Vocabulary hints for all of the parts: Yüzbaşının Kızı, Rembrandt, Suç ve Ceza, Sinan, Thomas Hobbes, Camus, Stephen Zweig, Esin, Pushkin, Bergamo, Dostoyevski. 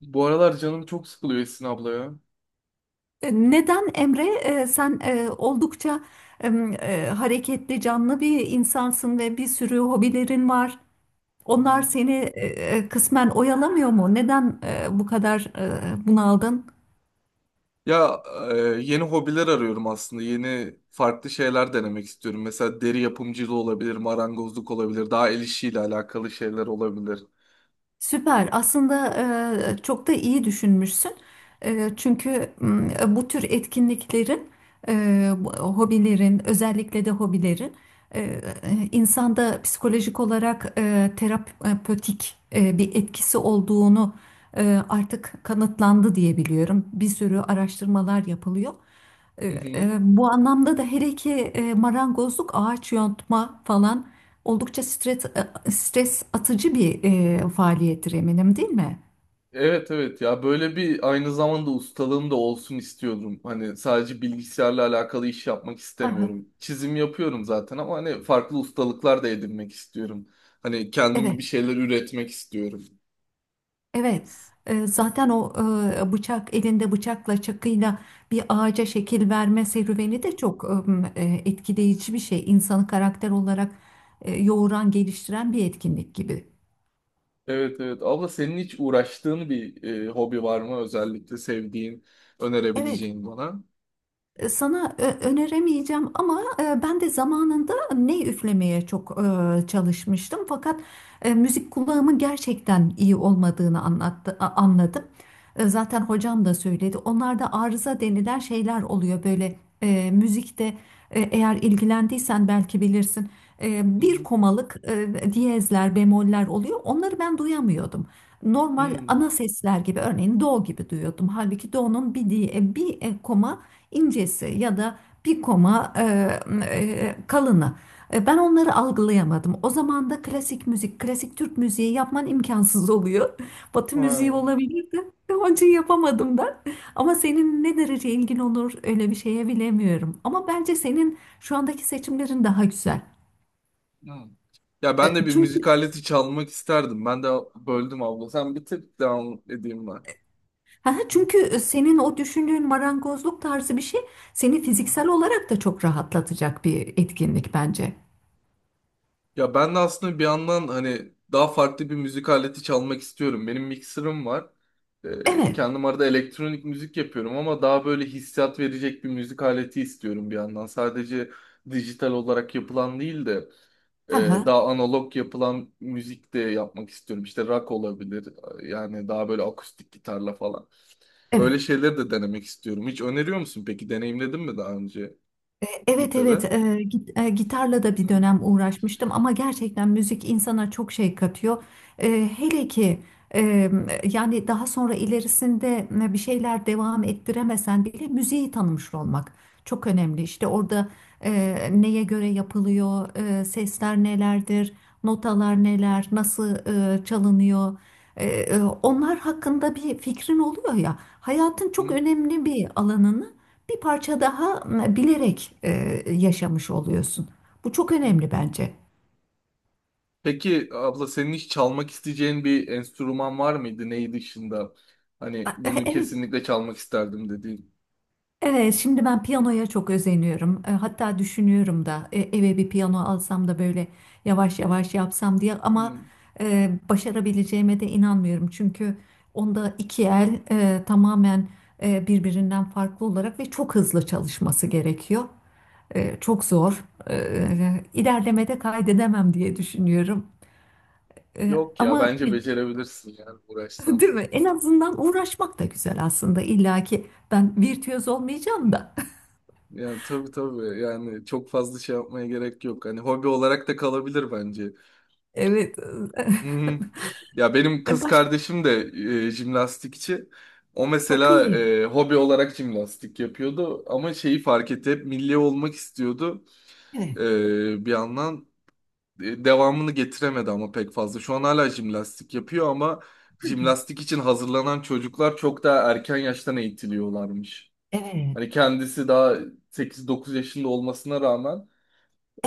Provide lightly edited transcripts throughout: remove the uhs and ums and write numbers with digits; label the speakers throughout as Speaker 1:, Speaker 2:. Speaker 1: Bu aralar canım çok sıkılıyor, Esin abla ya.
Speaker 2: Neden Emre? Sen oldukça hareketli, canlı bir insansın ve bir sürü hobilerin var.
Speaker 1: Hı
Speaker 2: Onlar
Speaker 1: hı.
Speaker 2: seni kısmen oyalamıyor mu? Neden bu kadar bunaldın?
Speaker 1: Ya, e, yeni hobiler arıyorum aslında. Yeni farklı şeyler denemek istiyorum. Mesela deri yapımcılığı olabilir, marangozluk olabilir, daha el işiyle alakalı şeyler olabilir.
Speaker 2: Süper. Aslında çok da iyi düşünmüşsün. Çünkü bu tür etkinliklerin, hobilerin, özellikle de hobilerin e, e, insanda psikolojik olarak terapötik bir etkisi olduğunu artık kanıtlandı diye biliyorum. Bir sürü araştırmalar yapılıyor. E,
Speaker 1: Hı hı.
Speaker 2: Bu anlamda da her iki marangozluk, ağaç yontma falan oldukça stres atıcı bir faaliyettir eminim değil mi?
Speaker 1: Evet, evet, ya böyle bir aynı zamanda ustalığım da olsun istiyordum. Hani sadece bilgisayarla alakalı iş yapmak
Speaker 2: Hı hı.
Speaker 1: istemiyorum. Çizim yapıyorum zaten ama hani farklı ustalıklar da edinmek istiyorum. Hani kendim
Speaker 2: Evet,
Speaker 1: bir şeyler üretmek istiyorum.
Speaker 2: evet. Zaten o bıçak elinde bıçakla çakıyla bir ağaca şekil verme serüveni de çok etkileyici bir şey. İnsanı karakter olarak yoğuran, geliştiren bir etkinlik gibi.
Speaker 1: Evet, evet. Abla, senin hiç uğraştığın bir hobi var mı? Özellikle sevdiğin,
Speaker 2: Evet.
Speaker 1: önerebileceğin bana.
Speaker 2: Sana öneremeyeceğim ama ben de zamanında ney üflemeye çok çalışmıştım. Fakat müzik kulağımın gerçekten iyi olmadığını anladım. Zaten hocam da söyledi. Onlarda arıza denilen şeyler oluyor böyle müzikte eğer ilgilendiysen belki bilirsin.
Speaker 1: Hı
Speaker 2: Bir
Speaker 1: hı.
Speaker 2: komalık diyezler, bemoller oluyor. Onları ben duyamıyordum. Normal
Speaker 1: Hmm.
Speaker 2: ana sesler gibi örneğin do gibi duyuyordum. Halbuki do'nun bir diye bir koma incesi ya da bir koma kalını. Ben onları algılayamadım. O zaman da klasik müzik, klasik Türk müziği yapman imkansız oluyor. Batı
Speaker 1: Ha.
Speaker 2: müziği olabilirdi. Onun için yapamadım da. Ama senin ne derece ilgin olur öyle bir şeye bilemiyorum. Ama bence senin şu andaki seçimlerin daha güzel.
Speaker 1: Hmm. Ya ben
Speaker 2: E,
Speaker 1: de bir müzik
Speaker 2: Çünkü
Speaker 1: aleti çalmak isterdim. Ben de böldüm abla. Sen bir tık devam edeyim ben. Hı
Speaker 2: çünkü senin o düşündüğün marangozluk tarzı bir şey seni
Speaker 1: hı.
Speaker 2: fiziksel olarak da çok rahatlatacak bir etkinlik bence.
Speaker 1: Ya ben de aslında bir yandan hani daha farklı bir müzik aleti çalmak istiyorum. Benim mikserim var.
Speaker 2: Evet.
Speaker 1: Kendim arada elektronik müzik yapıyorum ama daha böyle hissiyat verecek bir müzik aleti istiyorum bir yandan. Sadece dijital olarak yapılan değil de, e,
Speaker 2: Hı
Speaker 1: daha analog yapılan müzik de yapmak istiyorum. İşte rock olabilir. Yani daha böyle akustik gitarla falan.
Speaker 2: evet.
Speaker 1: Öyle şeyleri de denemek istiyorum. Hiç öneriyor musun peki? Deneyimledin mi daha önce
Speaker 2: Evet evet,
Speaker 1: gitarı?
Speaker 2: gitarla da bir
Speaker 1: Hı.
Speaker 2: dönem uğraşmıştım ama gerçekten müzik insana çok şey katıyor. Hele ki e, yani daha sonra ilerisinde bir şeyler devam ettiremesen bile müziği tanımış olmak çok önemli. İşte orada e, neye göre yapılıyor, sesler nelerdir, notalar neler, nasıl çalınıyor. Onlar hakkında bir fikrin oluyor ya hayatın çok
Speaker 1: Hı?
Speaker 2: önemli bir alanını bir parça daha bilerek yaşamış oluyorsun. Bu çok önemli bence.
Speaker 1: Peki abla, senin hiç çalmak isteyeceğin bir enstrüman var mıydı? Neyi dışında? Hani bunu
Speaker 2: Evet,
Speaker 1: kesinlikle çalmak isterdim dediğin.
Speaker 2: evet. Şimdi ben piyanoya çok özeniyorum. Hatta düşünüyorum da eve bir piyano alsam da böyle yavaş yavaş yapsam diye. Ama
Speaker 1: Hmm.
Speaker 2: başarabileceğime de inanmıyorum. Çünkü onda iki el tamamen birbirinden farklı olarak ve çok hızlı çalışması gerekiyor. Çok zor. İlerlemede kaydedemem diye düşünüyorum. E,
Speaker 1: Yok ya,
Speaker 2: ama
Speaker 1: bence becerebilirsin yani, uğraşsan.
Speaker 2: Değil mi? En azından uğraşmak da güzel aslında. İlla ki ben virtüöz
Speaker 1: Hmm.
Speaker 2: olmayacağım da.
Speaker 1: Yani tabii, tabii, yani çok fazla şey yapmaya gerek yok. Hani hobi olarak da kalabilir bence.
Speaker 2: Evet.
Speaker 1: Hmm. Ya benim
Speaker 2: E
Speaker 1: kız
Speaker 2: Baş
Speaker 1: kardeşim de jimnastikçi. O
Speaker 2: Çok
Speaker 1: mesela
Speaker 2: iyi.
Speaker 1: hobi olarak jimnastik yapıyordu ama şeyi fark etti, hep milli olmak istiyordu
Speaker 2: Evet.
Speaker 1: bir yandan. Devamını getiremedi ama pek fazla. Şu an hala jimnastik yapıyor ama jimnastik için hazırlanan çocuklar çok daha erken yaştan eğitiliyorlarmış.
Speaker 2: Evet.
Speaker 1: Hani kendisi daha 8-9 yaşında olmasına rağmen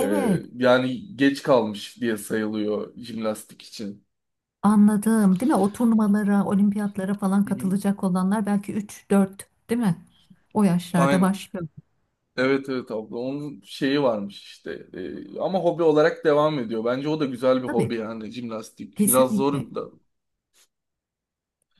Speaker 1: e, yani geç kalmış diye sayılıyor jimnastik için.
Speaker 2: Anladım. Değil mi? O turnuvalara, olimpiyatlara falan
Speaker 1: Hı hı.
Speaker 2: katılacak olanlar belki üç dört, değil mi? O yaşlarda
Speaker 1: Aynen.
Speaker 2: başlıyor.
Speaker 1: Evet, evet abla, onun şeyi varmış işte. Ama hobi olarak devam ediyor. Bence o da güzel bir hobi
Speaker 2: Tabii.
Speaker 1: yani, jimnastik. Biraz
Speaker 2: Kesinlikle.
Speaker 1: zor da.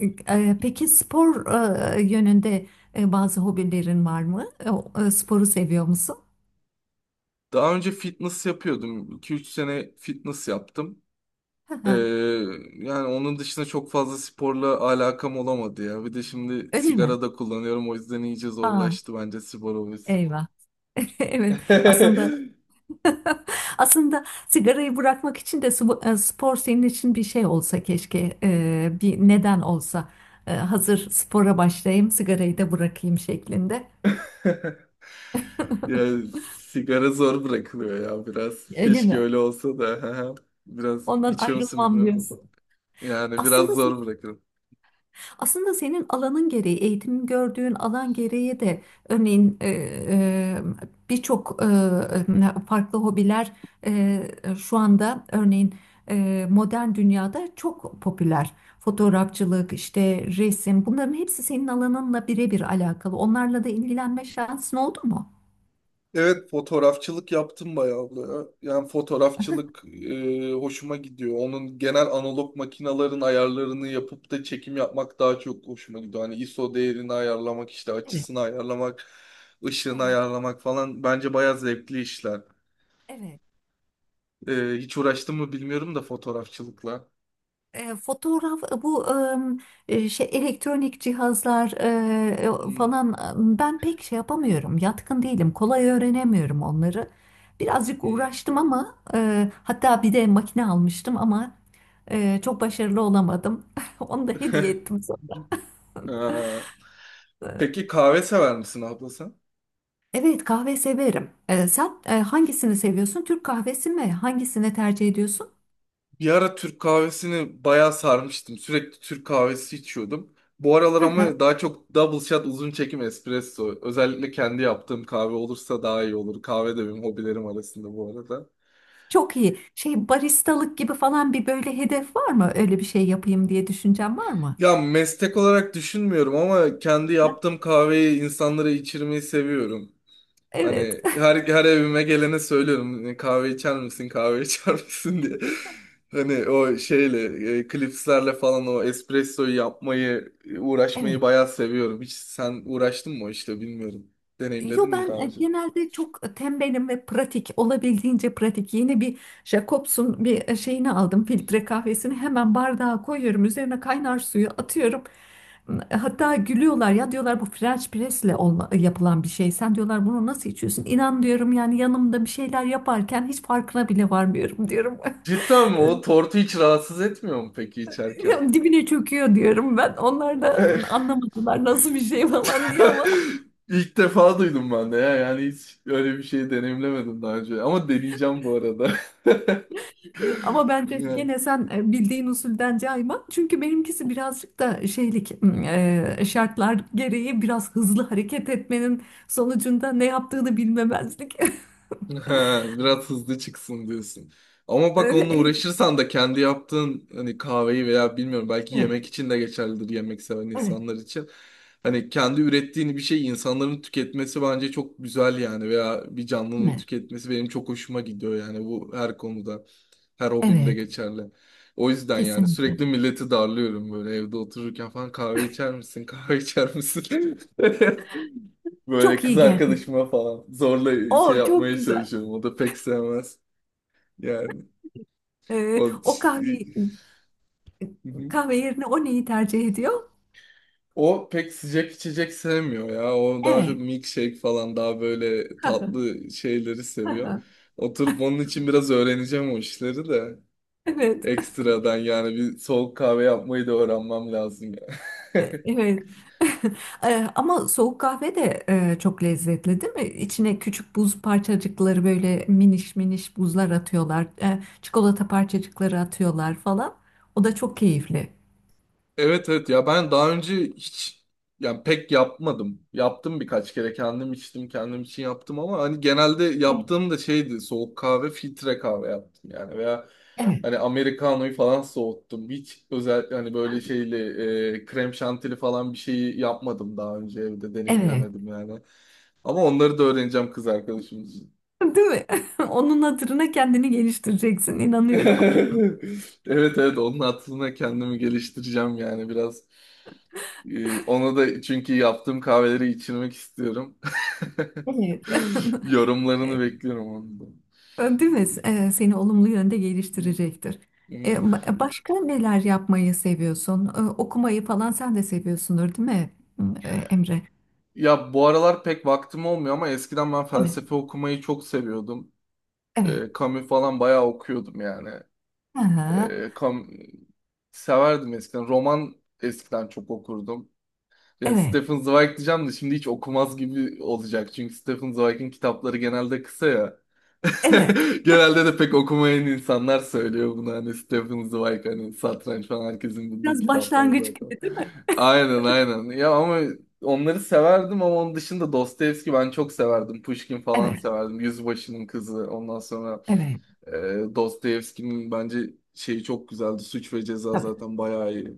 Speaker 2: Peki spor yönünde bazı hobilerin var mı? Sporu seviyor musun?
Speaker 1: Daha önce fitness yapıyordum. 2 üç sene fitness yaptım. Ee, Yani onun dışında çok fazla sporla alakam olamadı ya. Bir de şimdi
Speaker 2: Öyle mi?
Speaker 1: sigara da kullanıyorum, o yüzden iyice
Speaker 2: Aa,
Speaker 1: zorlaştı bence spor hobisi.
Speaker 2: eyvah. Evet. Aslında aslında sigarayı bırakmak için de spor senin için bir şey olsa keşke, bir neden olsa. Hazır spora başlayayım, sigarayı da bırakayım şeklinde.
Speaker 1: Yani sigara zor bırakılıyor ya biraz.
Speaker 2: Öyle
Speaker 1: Keşke
Speaker 2: mi?
Speaker 1: öyle olsa da. Biraz
Speaker 2: Ondan
Speaker 1: içiyor musun
Speaker 2: ayrılmam
Speaker 1: bilmiyorum
Speaker 2: diyorsun.
Speaker 1: da. Yani biraz
Speaker 2: Aslında
Speaker 1: zor.
Speaker 2: Aslında senin alanın gereği, eğitim gördüğün alan gereği de örneğin birçok farklı hobiler e, şu anda örneğin modern dünyada çok popüler. Fotoğrafçılık, işte resim bunların hepsi senin alanınla birebir alakalı. Onlarla da ilgilenme şansın oldu mu?
Speaker 1: Evet, fotoğrafçılık yaptım bayağı da. Yani fotoğrafçılık hoşuma gidiyor. Onun genel analog makinaların ayarlarını yapıp da çekim yapmak daha çok hoşuma gidiyor. Hani ISO değerini ayarlamak, işte
Speaker 2: Evet.
Speaker 1: açısını ayarlamak, ışığını
Speaker 2: Aha,
Speaker 1: ayarlamak falan bence bayağı zevkli işler.
Speaker 2: evet.
Speaker 1: Hiç uğraştım mı bilmiyorum da fotoğrafçılıkla.
Speaker 2: Fotoğraf şey elektronik cihazlar
Speaker 1: Hı,
Speaker 2: falan ben pek şey yapamıyorum. Yatkın değilim. Kolay öğrenemiyorum onları. Birazcık
Speaker 1: hı.
Speaker 2: uğraştım ama hatta bir de makine almıştım ama çok başarılı olamadım. Onu da hediye ettim sonra.
Speaker 1: Ha. Peki kahve sever misin abla sen?
Speaker 2: Evet kahve severim. Sen hangisini seviyorsun? Türk kahvesi mi? Hangisini tercih ediyorsun?
Speaker 1: Bir ara Türk kahvesini bayağı sarmıştım. Sürekli Türk kahvesi içiyordum. Bu aralar
Speaker 2: Hı hı,
Speaker 1: ama daha çok double shot uzun çekim espresso. Özellikle kendi yaptığım kahve olursa daha iyi olur. Kahve de benim hobilerim arasında bu arada.
Speaker 2: çok iyi. Şey baristalık gibi falan bir böyle hedef var mı? Öyle bir şey yapayım diye düşüncen var mı?
Speaker 1: Ya meslek olarak düşünmüyorum ama kendi yaptığım kahveyi insanlara içirmeyi seviyorum.
Speaker 2: Evet.
Speaker 1: Hani her evime gelene söylüyorum, hani kahve içer misin, kahve içer misin diye. Hani o şeyle klipslerle falan o espressoyu yapmayı, uğraşmayı
Speaker 2: Evet.
Speaker 1: bayağı seviyorum. Hiç sen uğraştın mı o işte bilmiyorum.
Speaker 2: Yo
Speaker 1: Deneyimledin mi
Speaker 2: ben
Speaker 1: daha önce?
Speaker 2: genelde çok tembelim ve pratik olabildiğince pratik. Yeni bir Jacobs'un bir şeyini aldım filtre kahvesini hemen bardağa koyuyorum üzerine kaynar suyu atıyorum. Hatta gülüyorlar ya diyorlar bu French press'le yapılan bir şey. Sen diyorlar bunu nasıl içiyorsun? İnan diyorum yani yanımda bir şeyler yaparken hiç farkına bile varmıyorum diyorum.
Speaker 1: Cidden mi? O tortu hiç rahatsız etmiyor mu peki içerken?
Speaker 2: Dibine çöküyor diyorum ben. Onlar da anlamadılar nasıl bir şey falan diye ama.
Speaker 1: İlk defa duydum ben de ya. Yani hiç öyle bir şey deneyimlemedim daha önce. Ama deneyeceğim bu arada.
Speaker 2: Ama bence
Speaker 1: Yani.
Speaker 2: gene sen bildiğin usulden cayma. Çünkü benimkisi birazcık da şeylik şartlar gereği biraz hızlı hareket etmenin sonucunda ne yaptığını bilmemezlik.
Speaker 1: Ha, biraz hızlı çıksın diyorsun. Ama bak,
Speaker 2: Evet,
Speaker 1: onunla
Speaker 2: evet,
Speaker 1: uğraşırsan da kendi yaptığın hani kahveyi veya, bilmiyorum, belki
Speaker 2: evet,
Speaker 1: yemek için de geçerlidir, yemek seven
Speaker 2: evet,
Speaker 1: insanlar için. Hani kendi ürettiğin bir şey insanların tüketmesi bence çok güzel yani, veya bir canlının
Speaker 2: evet,
Speaker 1: tüketmesi benim çok hoşuma gidiyor yani, bu her konuda, her hobimde
Speaker 2: evet,
Speaker 1: geçerli. O yüzden yani
Speaker 2: kesinlikle.
Speaker 1: sürekli milleti darlıyorum böyle evde otururken falan, kahve içer misin, kahve içer misin? Böyle
Speaker 2: Çok
Speaker 1: kız
Speaker 2: iyi geldi.
Speaker 1: arkadaşıma falan zorla şey
Speaker 2: O çok
Speaker 1: yapmaya
Speaker 2: güzel.
Speaker 1: çalışıyorum. O da pek sevmez. Yani
Speaker 2: E,
Speaker 1: o
Speaker 2: o kahve Kahve yerine o neyi tercih ediyor?
Speaker 1: o pek sıcak içecek sevmiyor ya. O daha çok
Speaker 2: Evet.
Speaker 1: milkshake falan, daha böyle tatlı şeyleri seviyor. Oturup onun için biraz öğreneceğim o işleri de.
Speaker 2: Evet.
Speaker 1: Ekstradan yani bir soğuk kahve yapmayı da öğrenmem lazım.
Speaker 2: Evet. Ama soğuk kahve de çok lezzetli değil mi? İçine küçük buz parçacıkları böyle miniş miniş buzlar atıyorlar. Çikolata parçacıkları atıyorlar falan. O da çok keyifli.
Speaker 1: Evet, evet ya, ben daha önce hiç yani pek yapmadım. Yaptım birkaç kere, kendim içtim, kendim için yaptım ama hani genelde
Speaker 2: Evet.
Speaker 1: yaptığım da şeydi, soğuk kahve filtre kahve yaptım yani, veya
Speaker 2: Evet.
Speaker 1: hani Americano'yu falan soğuttum. Hiç özellikle hani böyle şeyli krem şantili falan bir şeyi yapmadım daha önce, evde
Speaker 2: Evet.
Speaker 1: deneyimlemedim yani. Ama onları da öğreneceğim kız arkadaşım için.
Speaker 2: Değil mi? Onun hatırına kendini geliştireceksin inanıyorum.
Speaker 1: Evet, evet onun hatırına kendimi geliştireceğim yani, biraz. Onu da çünkü yaptığım kahveleri içirmek istiyorum.
Speaker 2: Evet.
Speaker 1: Yorumlarını bekliyorum onu da.
Speaker 2: Değil mi? Seni olumlu yönde
Speaker 1: Hı,
Speaker 2: geliştirecektir.
Speaker 1: hı.
Speaker 2: Başka neler yapmayı seviyorsun? Okumayı falan sen de seviyorsundur değil mi Emre?
Speaker 1: Ya bu aralar pek vaktim olmuyor ama eskiden ben
Speaker 2: Evet,
Speaker 1: felsefe okumayı çok seviyordum.
Speaker 2: evet.
Speaker 1: Camus falan bayağı okuyordum yani.
Speaker 2: Aha,
Speaker 1: Ee, Cam- Severdim eskiden. Roman eskiden çok okurdum. Yani
Speaker 2: evet,
Speaker 1: Stephen Zweig diyeceğim de şimdi hiç okumaz gibi olacak. Çünkü Stephen Zweig'in kitapları genelde kısa ya.
Speaker 2: evet.
Speaker 1: Genelde de pek okumayan insanlar söylüyor bunu, hani Stephen Zweig, hani satranç falan, herkesin bildiği
Speaker 2: Biraz
Speaker 1: kitaplar
Speaker 2: başlangıç
Speaker 1: zaten.
Speaker 2: gibi değil mi?
Speaker 1: Aynen, aynen. Ya ama onları severdim ama onun dışında Dostoyevski ben çok severdim. Pushkin falan
Speaker 2: Evet,
Speaker 1: severdim. Yüzbaşının Kızı. Ondan sonra
Speaker 2: evet.
Speaker 1: e, Dostoyevski'nin bence şeyi çok güzeldi. Suç ve Ceza
Speaker 2: Tabii,
Speaker 1: zaten bayağı iyi.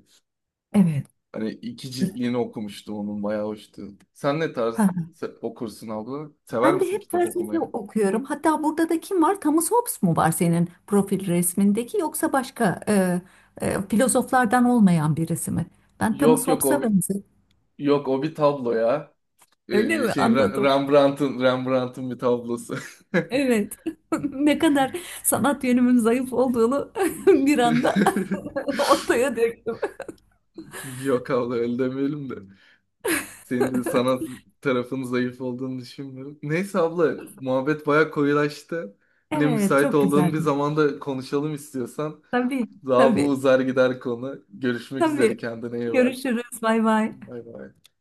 Speaker 2: evet.
Speaker 1: Hani iki ciltliğini okumuştum onun, bayağı hoştu. Sen ne tarz
Speaker 2: Ha.
Speaker 1: okursun abla? Sever
Speaker 2: Ben de
Speaker 1: misin
Speaker 2: hep
Speaker 1: kitap
Speaker 2: felsefe
Speaker 1: okumayı?
Speaker 2: okuyorum. Hatta burada da kim var? Thomas Hobbes mu var senin profil resmindeki yoksa başka filozoflardan olmayan birisi mi? Ben Thomas
Speaker 1: Yok, yok, o.
Speaker 2: Hobbes'a benziyorum.
Speaker 1: Yok, o bir tablo ya.
Speaker 2: Öyle mi?
Speaker 1: Şey,
Speaker 2: Anladım.
Speaker 1: Rembrandt'ın bir tablosu.
Speaker 2: Evet. Ne kadar sanat yönümün zayıf olduğunu bir anda ortaya döktüm.
Speaker 1: Yok abla, öyle demeyelim de. Senin de sanat tarafının zayıf olduğunu düşünmüyorum. Neyse abla, muhabbet baya koyulaştı. Yine
Speaker 2: Evet,
Speaker 1: müsait
Speaker 2: çok
Speaker 1: olduğun bir
Speaker 2: güzeldi.
Speaker 1: zamanda konuşalım istiyorsan.
Speaker 2: Tabii,
Speaker 1: Daha bu
Speaker 2: tabii.
Speaker 1: uzar gider konu. Görüşmek üzere,
Speaker 2: Tabii.
Speaker 1: kendine iyi bak.
Speaker 2: Görüşürüz. Bay bay.
Speaker 1: Bay bay.